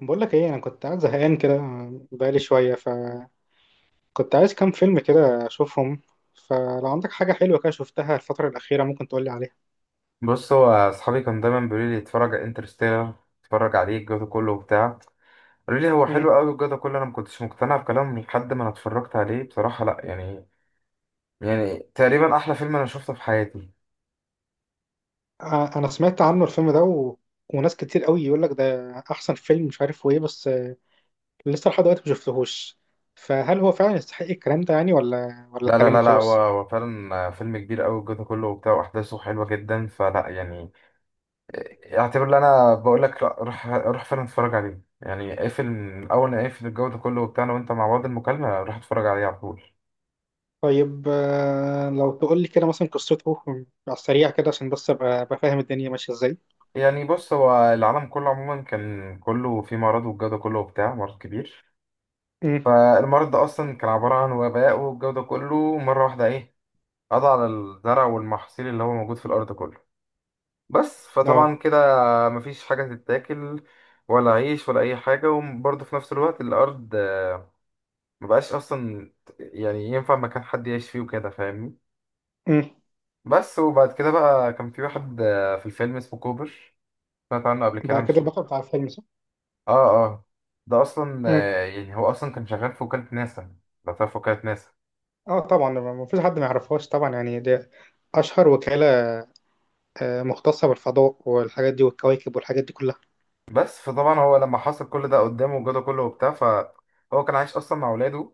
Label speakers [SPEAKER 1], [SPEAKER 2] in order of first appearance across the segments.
[SPEAKER 1] بقول لك ايه؟ انا كنت قاعد زهقان كده بقالي شويه، فكنت عايز كام فيلم كده اشوفهم. فلو عندك حاجه حلوه كده شفتها الفتره الاخيره، ممكن تقول لي عليها.
[SPEAKER 2] بص هو اصحابي كانوا دايما بيقولوا لي اتفرج على انترستيلر، اتفرج عليه الجو ده كله وبتاع. قالوا لي هو
[SPEAKER 1] امم.
[SPEAKER 2] حلو قوي الجو ده كله، انا ما كنتش مقتنع بكلامهم لحد ما انا اتفرجت عليه. بصراحه لا يعني، يعني تقريبا احلى فيلم انا شفته في حياتي.
[SPEAKER 1] انا سمعت عنه الفيلم ده وناس كتير قوي يقول لك ده احسن فيلم مش عارف وايه، بس لسه لحد دلوقتي ما شفتهوش. فهل هو فعلا يستحق الكلام ده يعني ولا
[SPEAKER 2] لا لا
[SPEAKER 1] كلامه
[SPEAKER 2] لا لا هو
[SPEAKER 1] خلاص؟
[SPEAKER 2] هو فعلا فيلم كبير قوي الجو ده كله وبتاع، واحداثه حلوه جدا. فلا يعني اعتبر ان انا بقول لك لا، روح روح فعلا اتفرج عليه. يعني اقفل اول ما اقفل الجو ده كله وبتاع أنا وانت مع بعض المكالمه، روح اتفرج عليه على طول.
[SPEAKER 1] طيب. لو تقول لي كده مثلا قصته على السريع كده، عشان بس أبقى فاهم الدنيا ماشيه ازاي.
[SPEAKER 2] يعني بص هو العالم كله عموما كان كله في مرض، والجو ده كله وبتاع مرض كبير.
[SPEAKER 1] امم.
[SPEAKER 2] فالمرض ده أصلا كان عبارة عن وباء، والجو ده كله مرة واحدة إيه، قضى على الزرع والمحاصيل اللي هو موجود في الأرض كله. بس
[SPEAKER 1] اه.
[SPEAKER 2] فطبعا كده مفيش حاجة تتاكل ولا عيش ولا أي حاجة، وبرضه في نفس الوقت الأرض مبقاش أصلا يعني ينفع مكان حد يعيش فيه وكده، فاهمني؟
[SPEAKER 1] امم.
[SPEAKER 2] بس وبعد كده بقى كان في واحد في الفيلم اسمه كوبر، سمعت عنه قبل كده
[SPEAKER 1] ده كده
[SPEAKER 2] مش؟
[SPEAKER 1] البطل بتاع الفيلم؟
[SPEAKER 2] اه اه. ده اصلا
[SPEAKER 1] صح.
[SPEAKER 2] يعني هو اصلا كان شغال في وكالة ناسا. لو تعرف وكالة ناسا.
[SPEAKER 1] اه طبعا، ما فيش حد ما يعرفهاش طبعا، يعني دي اشهر وكالة. مختصة بالفضاء والحاجات دي والكواكب والحاجات دي كلها.
[SPEAKER 2] بس فطبعا هو لما حصل كل ده قدامه وجاله كله وبتاع، فهو كان عايش اصلا مع ولاده.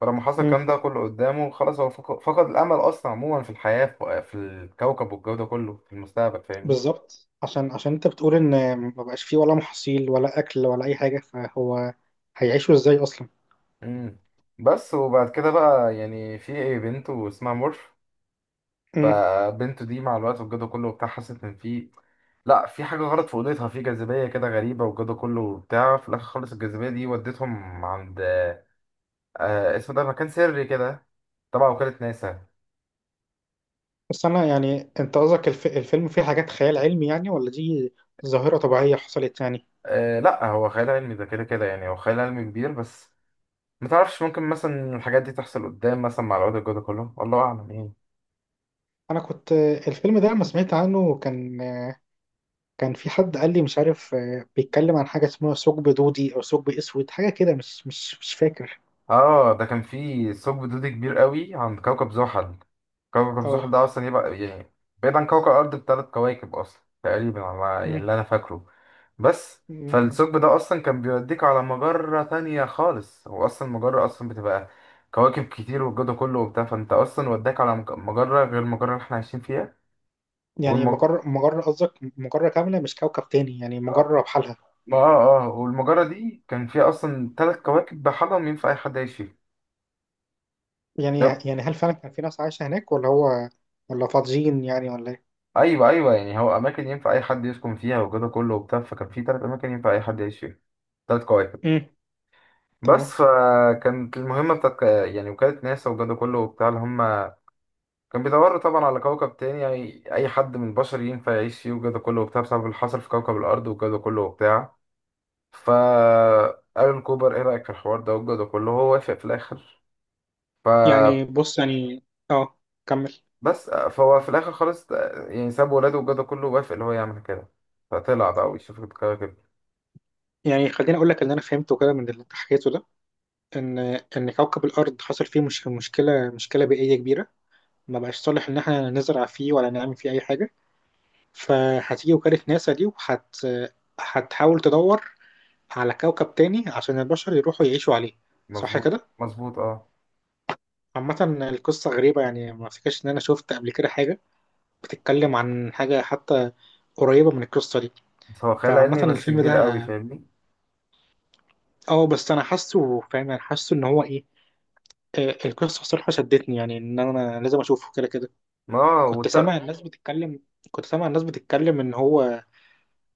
[SPEAKER 2] فلما حصل
[SPEAKER 1] مم.
[SPEAKER 2] الكلام ده كله قدامه خلاص، هو فقد الامل اصلا عموما في الحياة، في في الكوكب والجو ده كله في المستقبل، فاهمني؟
[SPEAKER 1] بالظبط، عشان انت بتقول ان ما بقاش فيه ولا محاصيل ولا اكل ولا اي حاجة، فهو هيعيشوا ازاي اصلا؟
[SPEAKER 2] امم بس وبعد كده بقى يعني في بنت اسمها مورف.
[SPEAKER 1] مم.
[SPEAKER 2] فبنته دي مع الوقت والجو ده كله وبتاع حست ان في، لا في حاجه غلط في اوضتها، في جاذبيه كده غريبه والجو ده كله وبتاع. في الاخر خالص الجاذبيه دي ودتهم عند اسمه ده مكان سري كده تبع وكاله ناسا.
[SPEAKER 1] بس انا يعني انت قصدك الفيلم فيه حاجات خيال علمي يعني، ولا دي ظاهرة طبيعية حصلت يعني؟
[SPEAKER 2] آه لا هو خيال علمي ده كده كده، يعني هو خيال علمي كبير، بس متعرفش ممكن مثلا الحاجات دي تحصل قدام مثلا مع الوقت الجو ده كله، والله اعلم يعني.
[SPEAKER 1] انا كنت الفيلم ده لما سمعت عنه كان، كان في حد قال لي مش عارف بيتكلم عن حاجة اسمها ثقب دودي او ثقب اسود، حاجة كده مش فاكر.
[SPEAKER 2] اه ده كان فيه ثقب دودي كبير قوي عند كوكب زحل. كوكب زحل
[SPEAKER 1] اه.
[SPEAKER 2] ده اصلا يبقى يعني بعيد عن كوكب الارض بـ3 كواكب اصلا تقريبا على ما- يعني
[SPEAKER 1] مم.
[SPEAKER 2] اللي انا فاكره. بس
[SPEAKER 1] مم.
[SPEAKER 2] فالثقب ده اصلا كان بيوديك على مجرة تانية خالص، هو اصلا المجرة اصلا بتبقى كواكب كتير والجو ده كله وبتاع، فانت اصلا وداك على مجرة غير المجرة اللي احنا عايشين فيها.
[SPEAKER 1] يعني
[SPEAKER 2] والم... آه
[SPEAKER 1] مجرة قصدك مجرة كاملة مش كوكب تاني، يعني مجرة بحالها؟
[SPEAKER 2] آه آه، والمجرة دي كان فيها أصلا 3 كواكب بحالهم ينفع أي حد يعيش فيهم.
[SPEAKER 1] يعني هل فعلا كان في ناس عايشة هناك، ولا هو ولا فاضيين يعني ولا ايه؟
[SPEAKER 2] ايوه ايوه، يعني هو اماكن ينفع اي حد يسكن فيها وكده كله وبتاع، فكان في 3 اماكن ينفع اي حد يعيش فيها، 3 كواكب.
[SPEAKER 1] مم.
[SPEAKER 2] بس
[SPEAKER 1] تمام.
[SPEAKER 2] فكانت المهمه بتاعت يعني وكاله ناسا وكده كله وبتاع، اللي هم كان بيدوروا طبعا على كوكب تاني يعني اي حد من البشر ينفع يعيش فيه وكده كله وبتاع، بسبب اللي حصل في كوكب الارض وكده كله وبتاع. ف الان كوبر ايه رايك في الحوار ده وكده كله، هو وافق في الاخر. ف
[SPEAKER 1] يعني بص يعني. اه، كمل.
[SPEAKER 2] بس فهو في الاخر خالص يعني ساب ولاده وكده كله، وافق اللي هو يعمل كده، فطلع بقى ويشوف الكواكب.
[SPEAKER 1] يعني خليني اقول لك اللي انا فهمته كده من اللي انت حكيته ده، ان ان كوكب الارض حصل فيه مش مشكله مشكله بيئيه كبيره، ما بقاش صالح ان احنا نزرع فيه ولا نعمل فيه اي حاجه. فهتيجي وكاله ناسا دي هتحاول تدور على كوكب تاني عشان البشر يروحوا يعيشوا عليه. صح
[SPEAKER 2] مظبوط
[SPEAKER 1] كده؟
[SPEAKER 2] مظبوط اه.
[SPEAKER 1] عامة القصة غريبة يعني، ما افتكرش ان انا شفت قبل كده حاجة بتتكلم عن حاجة حتى قريبة من القصة دي.
[SPEAKER 2] بس هو خيال
[SPEAKER 1] فعامة
[SPEAKER 2] علمي بس
[SPEAKER 1] الفيلم ده
[SPEAKER 2] كبير قوي،
[SPEAKER 1] اه،
[SPEAKER 2] فاهمني؟
[SPEAKER 1] بس انا حاسه فاهم، انا حاسه ان هو ايه. القصة الصراحة شدتني، يعني ان انا لازم اشوفه كده كده.
[SPEAKER 2] ما هو
[SPEAKER 1] كنت سامع
[SPEAKER 2] والت...
[SPEAKER 1] الناس بتتكلم كنت سامع الناس بتتكلم ان هو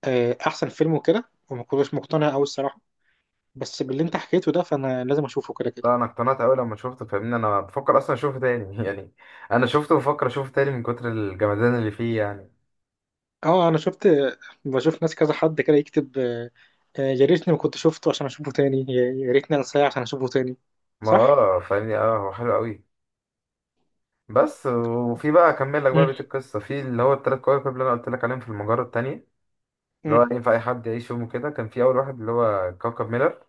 [SPEAKER 1] احسن فيلم وكده، وما كنتش مقتنع قوي الصراحة. بس باللي انت حكيته ده، فانا لازم اشوفه كده كده.
[SPEAKER 2] لا انا اقتنعت قوي لما شفته، فاهمني، انا بفكر اصلا اشوفه تاني يعني. انا شفته بفكر اشوفه تاني من كتر الجمدان اللي فيه يعني.
[SPEAKER 1] اه، انا شفت بشوف ناس كذا حد كده يكتب يا ريتني ما كنت شفته عشان اشوفه تاني، يا ريتني انساه عشان اشوفه تاني.
[SPEAKER 2] ما
[SPEAKER 1] صح؟
[SPEAKER 2] اه فاهمني، اه هو حلو قوي. بس وفي بقى اكمل لك بقى
[SPEAKER 1] امم.
[SPEAKER 2] بيت القصه في اللي هو التلات كواكب اللي انا قلت لك عليهم في المجره التانيه، اللي هو
[SPEAKER 1] امم.
[SPEAKER 2] ينفع اي حد يعيش فيهم كده. كان في اول واحد اللي هو كوكب ميلر.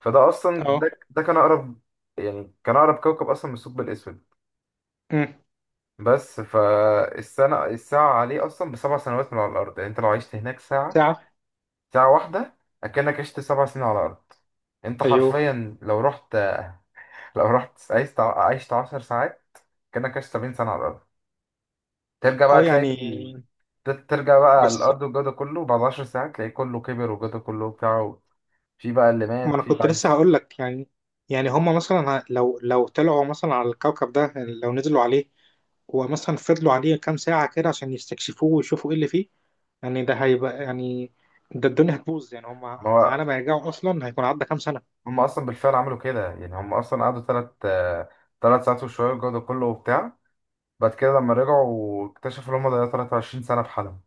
[SPEAKER 2] فده اصلا
[SPEAKER 1] اه.
[SPEAKER 2] ده ده كان اقرب، يعني كان اقرب كوكب اصلا من الثقب الاسود.
[SPEAKER 1] امم.
[SPEAKER 2] بس فالسنة الساعة عليه أصلا بـ7 سنوات من على الأرض. يعني أنت لو عشت هناك ساعة،
[SPEAKER 1] ساعة.
[SPEAKER 2] ساعة واحدة، أكنك عشت 7 سنين على الأرض. أنت
[SPEAKER 1] ايوه.
[SPEAKER 2] حرفيا لو رحت، لو رحت عشت 10 ساعات، كأنك عشت 70 سنة على الأرض. ترجع بقى
[SPEAKER 1] اه
[SPEAKER 2] تلاقي،
[SPEAKER 1] يعني.
[SPEAKER 2] ترجع بقى على
[SPEAKER 1] بس
[SPEAKER 2] الأرض والجو ده كله بعد 10 ساعات تلاقي كله كبر والجو ده كله وبتاع، في بقى اللي
[SPEAKER 1] ما
[SPEAKER 2] مات،
[SPEAKER 1] انا
[SPEAKER 2] في
[SPEAKER 1] كنت
[SPEAKER 2] بقى عايش.
[SPEAKER 1] لسه هقول لك يعني هما مثلا لو طلعوا مثلا على الكوكب ده، لو نزلوا عليه ومثلا فضلوا عليه كام ساعة كده عشان يستكشفوه ويشوفوا ايه اللي فيه، يعني ده الدنيا هتبوظ يعني،
[SPEAKER 2] ما
[SPEAKER 1] هما
[SPEAKER 2] هو
[SPEAKER 1] على ما يرجعوا اصلا هيكون عدى كام سنة.
[SPEAKER 2] هم أصلا بالفعل عملوا كده، يعني هم أصلا قعدوا تلات ساعات وشوية والجو ده كله وبتاع، بعد كده لما رجعوا اكتشفوا ان هم ضيعوا 23 سنة بحالهم.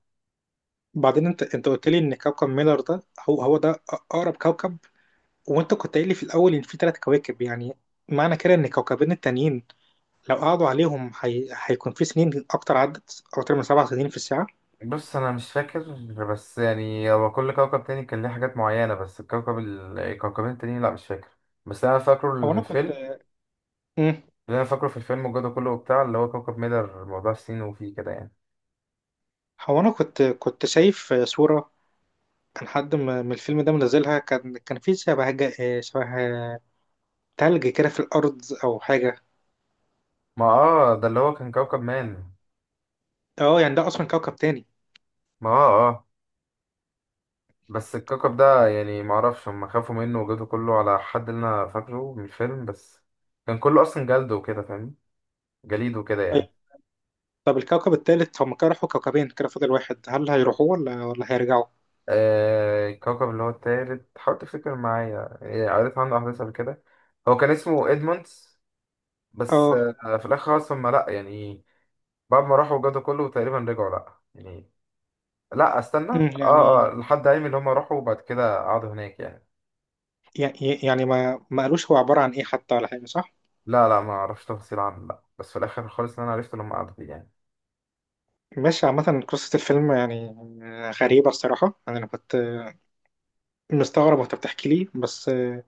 [SPEAKER 1] وبعدين انت قلت لي ان كوكب ميلر ده، هو ده اقرب كوكب، وانت كنت قايل لي في الاول ان في 3 كواكب، يعني معنى كده ان الكوكبين التانيين لو قعدوا عليهم هيكون في سنين اكتر، عدت اكتر من 7 سنين في الساعه.
[SPEAKER 2] بص أنا مش فاكر، بس يعني هو كل كوكب تاني كان ليه حاجات معينة، بس الكوكب الكوكبين التانيين لأ مش فاكر. بس أنا فاكره
[SPEAKER 1] هو
[SPEAKER 2] من
[SPEAKER 1] انا كنت.
[SPEAKER 2] الفيلم.
[SPEAKER 1] مم.
[SPEAKER 2] اللي أنا فاكره في الفيلم وجوده كله وبتاع اللي هو كوكب ميدر، موضوع السين وفيه كده يعني.
[SPEAKER 1] هو انا كنت شايف صوره، كان حد من الفيلم ده منزلها، كان في شبه شبه تلج كده في الارض او حاجه.
[SPEAKER 2] ما اه ده اللي هو كان كوكب مان.
[SPEAKER 1] اه يعني ده اصلا كوكب تاني؟
[SPEAKER 2] ما اه اه بس الكوكب ده يعني معرفش هم خافوا منه وجوده كله على حد اللي أنا فاكره من الفيلم، بس كان كله أصلا جلد وكده فاهم، جليد وكده
[SPEAKER 1] طيب.
[SPEAKER 2] يعني.
[SPEAKER 1] طب الكوكب التالت، هم كده راحوا كوكبين كده فاضل واحد، هل هيروحوه ولا هيرجعوا؟
[SPEAKER 2] الكوكب اللي هو التالت، حاول تفتكر معايا يعني، قريت عنه أحداث قبل كده. هو كان اسمه إدموندز. بس
[SPEAKER 1] اه.
[SPEAKER 2] آه، في الآخر خالص هما لأ يعني، بعد ما راحوا وجدوا كله تقريبا رجعوا لأ يعني. لأ استنى.
[SPEAKER 1] مم،
[SPEAKER 2] اه
[SPEAKER 1] يعني.
[SPEAKER 2] اه، لحد عيني اللي هما راحوا وبعد كده قعدوا هناك يعني.
[SPEAKER 1] يع- يعني ما قالوش هو عبارة عن ايه حتى ولا حاجة، صح؟
[SPEAKER 2] لا لا ما أعرفش تفاصيل عنه لأ، بس في الآخر خالص اللي أنا عرفته لما قعدوا فيه يعني.
[SPEAKER 1] ماشي. عامة قصة الفيلم يعني غريبة الصراحة، يعني أنا كنت مستغرب وأنت بتحكي لي، بس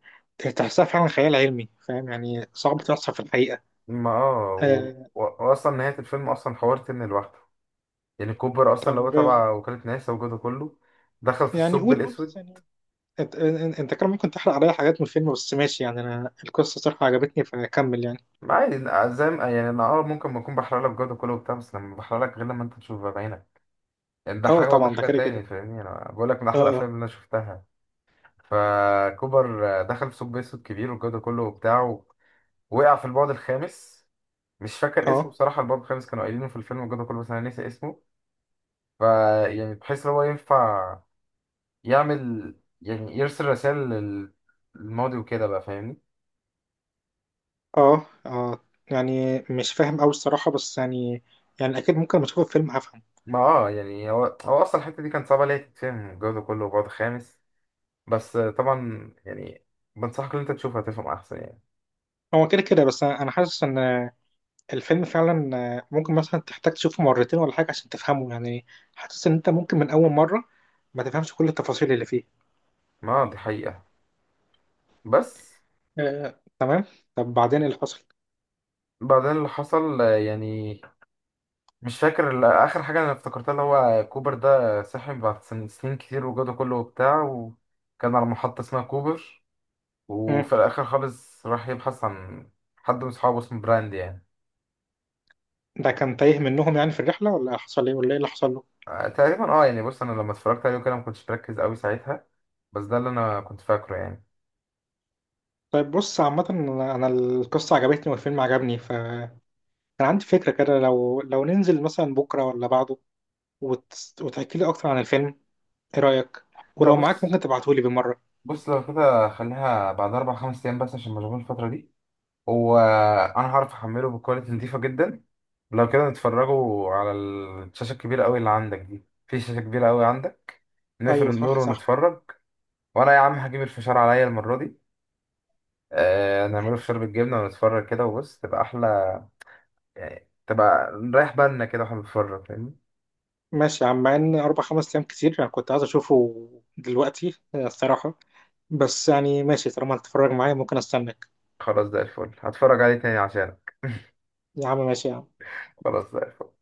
[SPEAKER 1] تحسها فعلا خيال علمي، فاهم؟ يعني صعب تحصل في الحقيقة.
[SPEAKER 2] ما اه و...
[SPEAKER 1] آه،
[SPEAKER 2] و... وأصلا نهاية الفيلم أصلا حوار تاني لوحده، يعني كوبر أصلا اللي هو
[SPEAKER 1] طب،
[SPEAKER 2] تبع وكالة ناسا وجوده كله دخل في
[SPEAKER 1] يعني
[SPEAKER 2] الثقب
[SPEAKER 1] قول قول بس
[SPEAKER 2] الأسود.
[SPEAKER 1] يعني. أنت كان ممكن تحرق عليا حاجات من الفيلم، بس ماشي يعني، أنا القصة صراحة عجبتني فأكمل يعني.
[SPEAKER 2] عادي، زي ما يعني انا ممكن ما اكون بحرق لك جوده كله وبتاع، بس لما بحرق لك غير لما انت تشوفها بعينك، يعني ده
[SPEAKER 1] أه
[SPEAKER 2] حاجه وده
[SPEAKER 1] طبعا، ده
[SPEAKER 2] حاجه
[SPEAKER 1] كده
[SPEAKER 2] تاني،
[SPEAKER 1] كده.
[SPEAKER 2] فاهمني؟ انا بقول لك من احلى الافلام
[SPEAKER 1] أه.
[SPEAKER 2] اللي انا شفتها. فكوبر دخل في ثقب اسود كبير والجوده كله وبتاع، ووقع في البعد الخامس. مش فاكر اسمه
[SPEAKER 1] أه.
[SPEAKER 2] بصراحه، البعد الخامس كانوا قايلينه في الفيلم الجوده كله بس انا ناسي اسمه. ف يعني بحيث ان هو ينفع يعمل، يعني يرسل رسائل للماضي وكده بقى، فاهمني؟
[SPEAKER 1] أه. أه. آه. يعني مش فاهم أوي الصراحة، بس يعني أكيد ممكن لما أشوف الفيلم هفهم.
[SPEAKER 2] ما اه يعني هو اصلا الحته دي كانت صعبه ليه تتفهم الجوده كله وبعد خامس، بس طبعا يعني بنصحك ان انت تشوفها تفهم احسن يعني.
[SPEAKER 1] هو كده كده، بس أنا حاسس ان الفيلم فعلا ممكن مثلا تحتاج تشوفه مرتين ولا حاجه عشان تفهمه يعني. حاسس ان انت ممكن من اول مره ما تفهمش كل التفاصيل اللي فيه.
[SPEAKER 2] ما دي حقيقة. بس
[SPEAKER 1] تمام. طب بعدين ايه اللي حصل؟
[SPEAKER 2] بعدين اللي حصل يعني مش فاكر اخر حاجة انا افتكرتها اللي هو كوبر ده صحي بعد سنين كتير وجوده كله وبتاع، وكان على محطة اسمها كوبر.
[SPEAKER 1] مم.
[SPEAKER 2] وفي الاخر خالص راح يبحث عن حد من صحابه اسمه براند يعني.
[SPEAKER 1] ده كان تايه منهم يعني في الرحله، ولا حصل ايه، ولا ايه اللي حصل له؟
[SPEAKER 2] تقريبا اه، يعني بص انا لما اتفرجت عليه كده ما كنتش مركز قوي ساعتها، بس ده اللي انا كنت فاكره يعني.
[SPEAKER 1] طيب بص. عامه انا القصه عجبتني والفيلم عجبني، فانا عندي فكره كده. لو ننزل مثلا بكره ولا بعده وت... وتحكي لي اكتر عن الفيلم، ايه رايك؟
[SPEAKER 2] لا
[SPEAKER 1] ولو معاك
[SPEAKER 2] بص.
[SPEAKER 1] ممكن تبعته لي بالمره.
[SPEAKER 2] لو كده خليها بعد 4 5 ايام بس عشان مشغول الفترة دي. وانا هعرف احمله بكواليتي نضيفه جدا. لو كده نتفرجوا على الشاشه الكبيره قوي اللي عندك دي، في شاشه كبيره قوي عندك. نقفل
[SPEAKER 1] ايوه
[SPEAKER 2] النور
[SPEAKER 1] صح صح.
[SPEAKER 2] ونتفرج. وانا يا عم هجيب الفشار عليا المره دي، آه نعمله فشار بالجبنه ونتفرج كده. وبص تبقى احلى يعني، تبقى نريح بالنا كده واحنا بنتفرج، فاهمني؟
[SPEAKER 1] ماشي يا عم. مع ان اربع خمس ايام كتير، انا كنت عايز اشوفه دلوقتي الصراحه. بس يعني ماشي، طالما هتتفرج معايا ممكن استناك.
[SPEAKER 2] خلاص ده الفل، هتفرج عليه تاني عشانك.
[SPEAKER 1] يا عم ماشي يا عم.
[SPEAKER 2] خلاص ده الفل.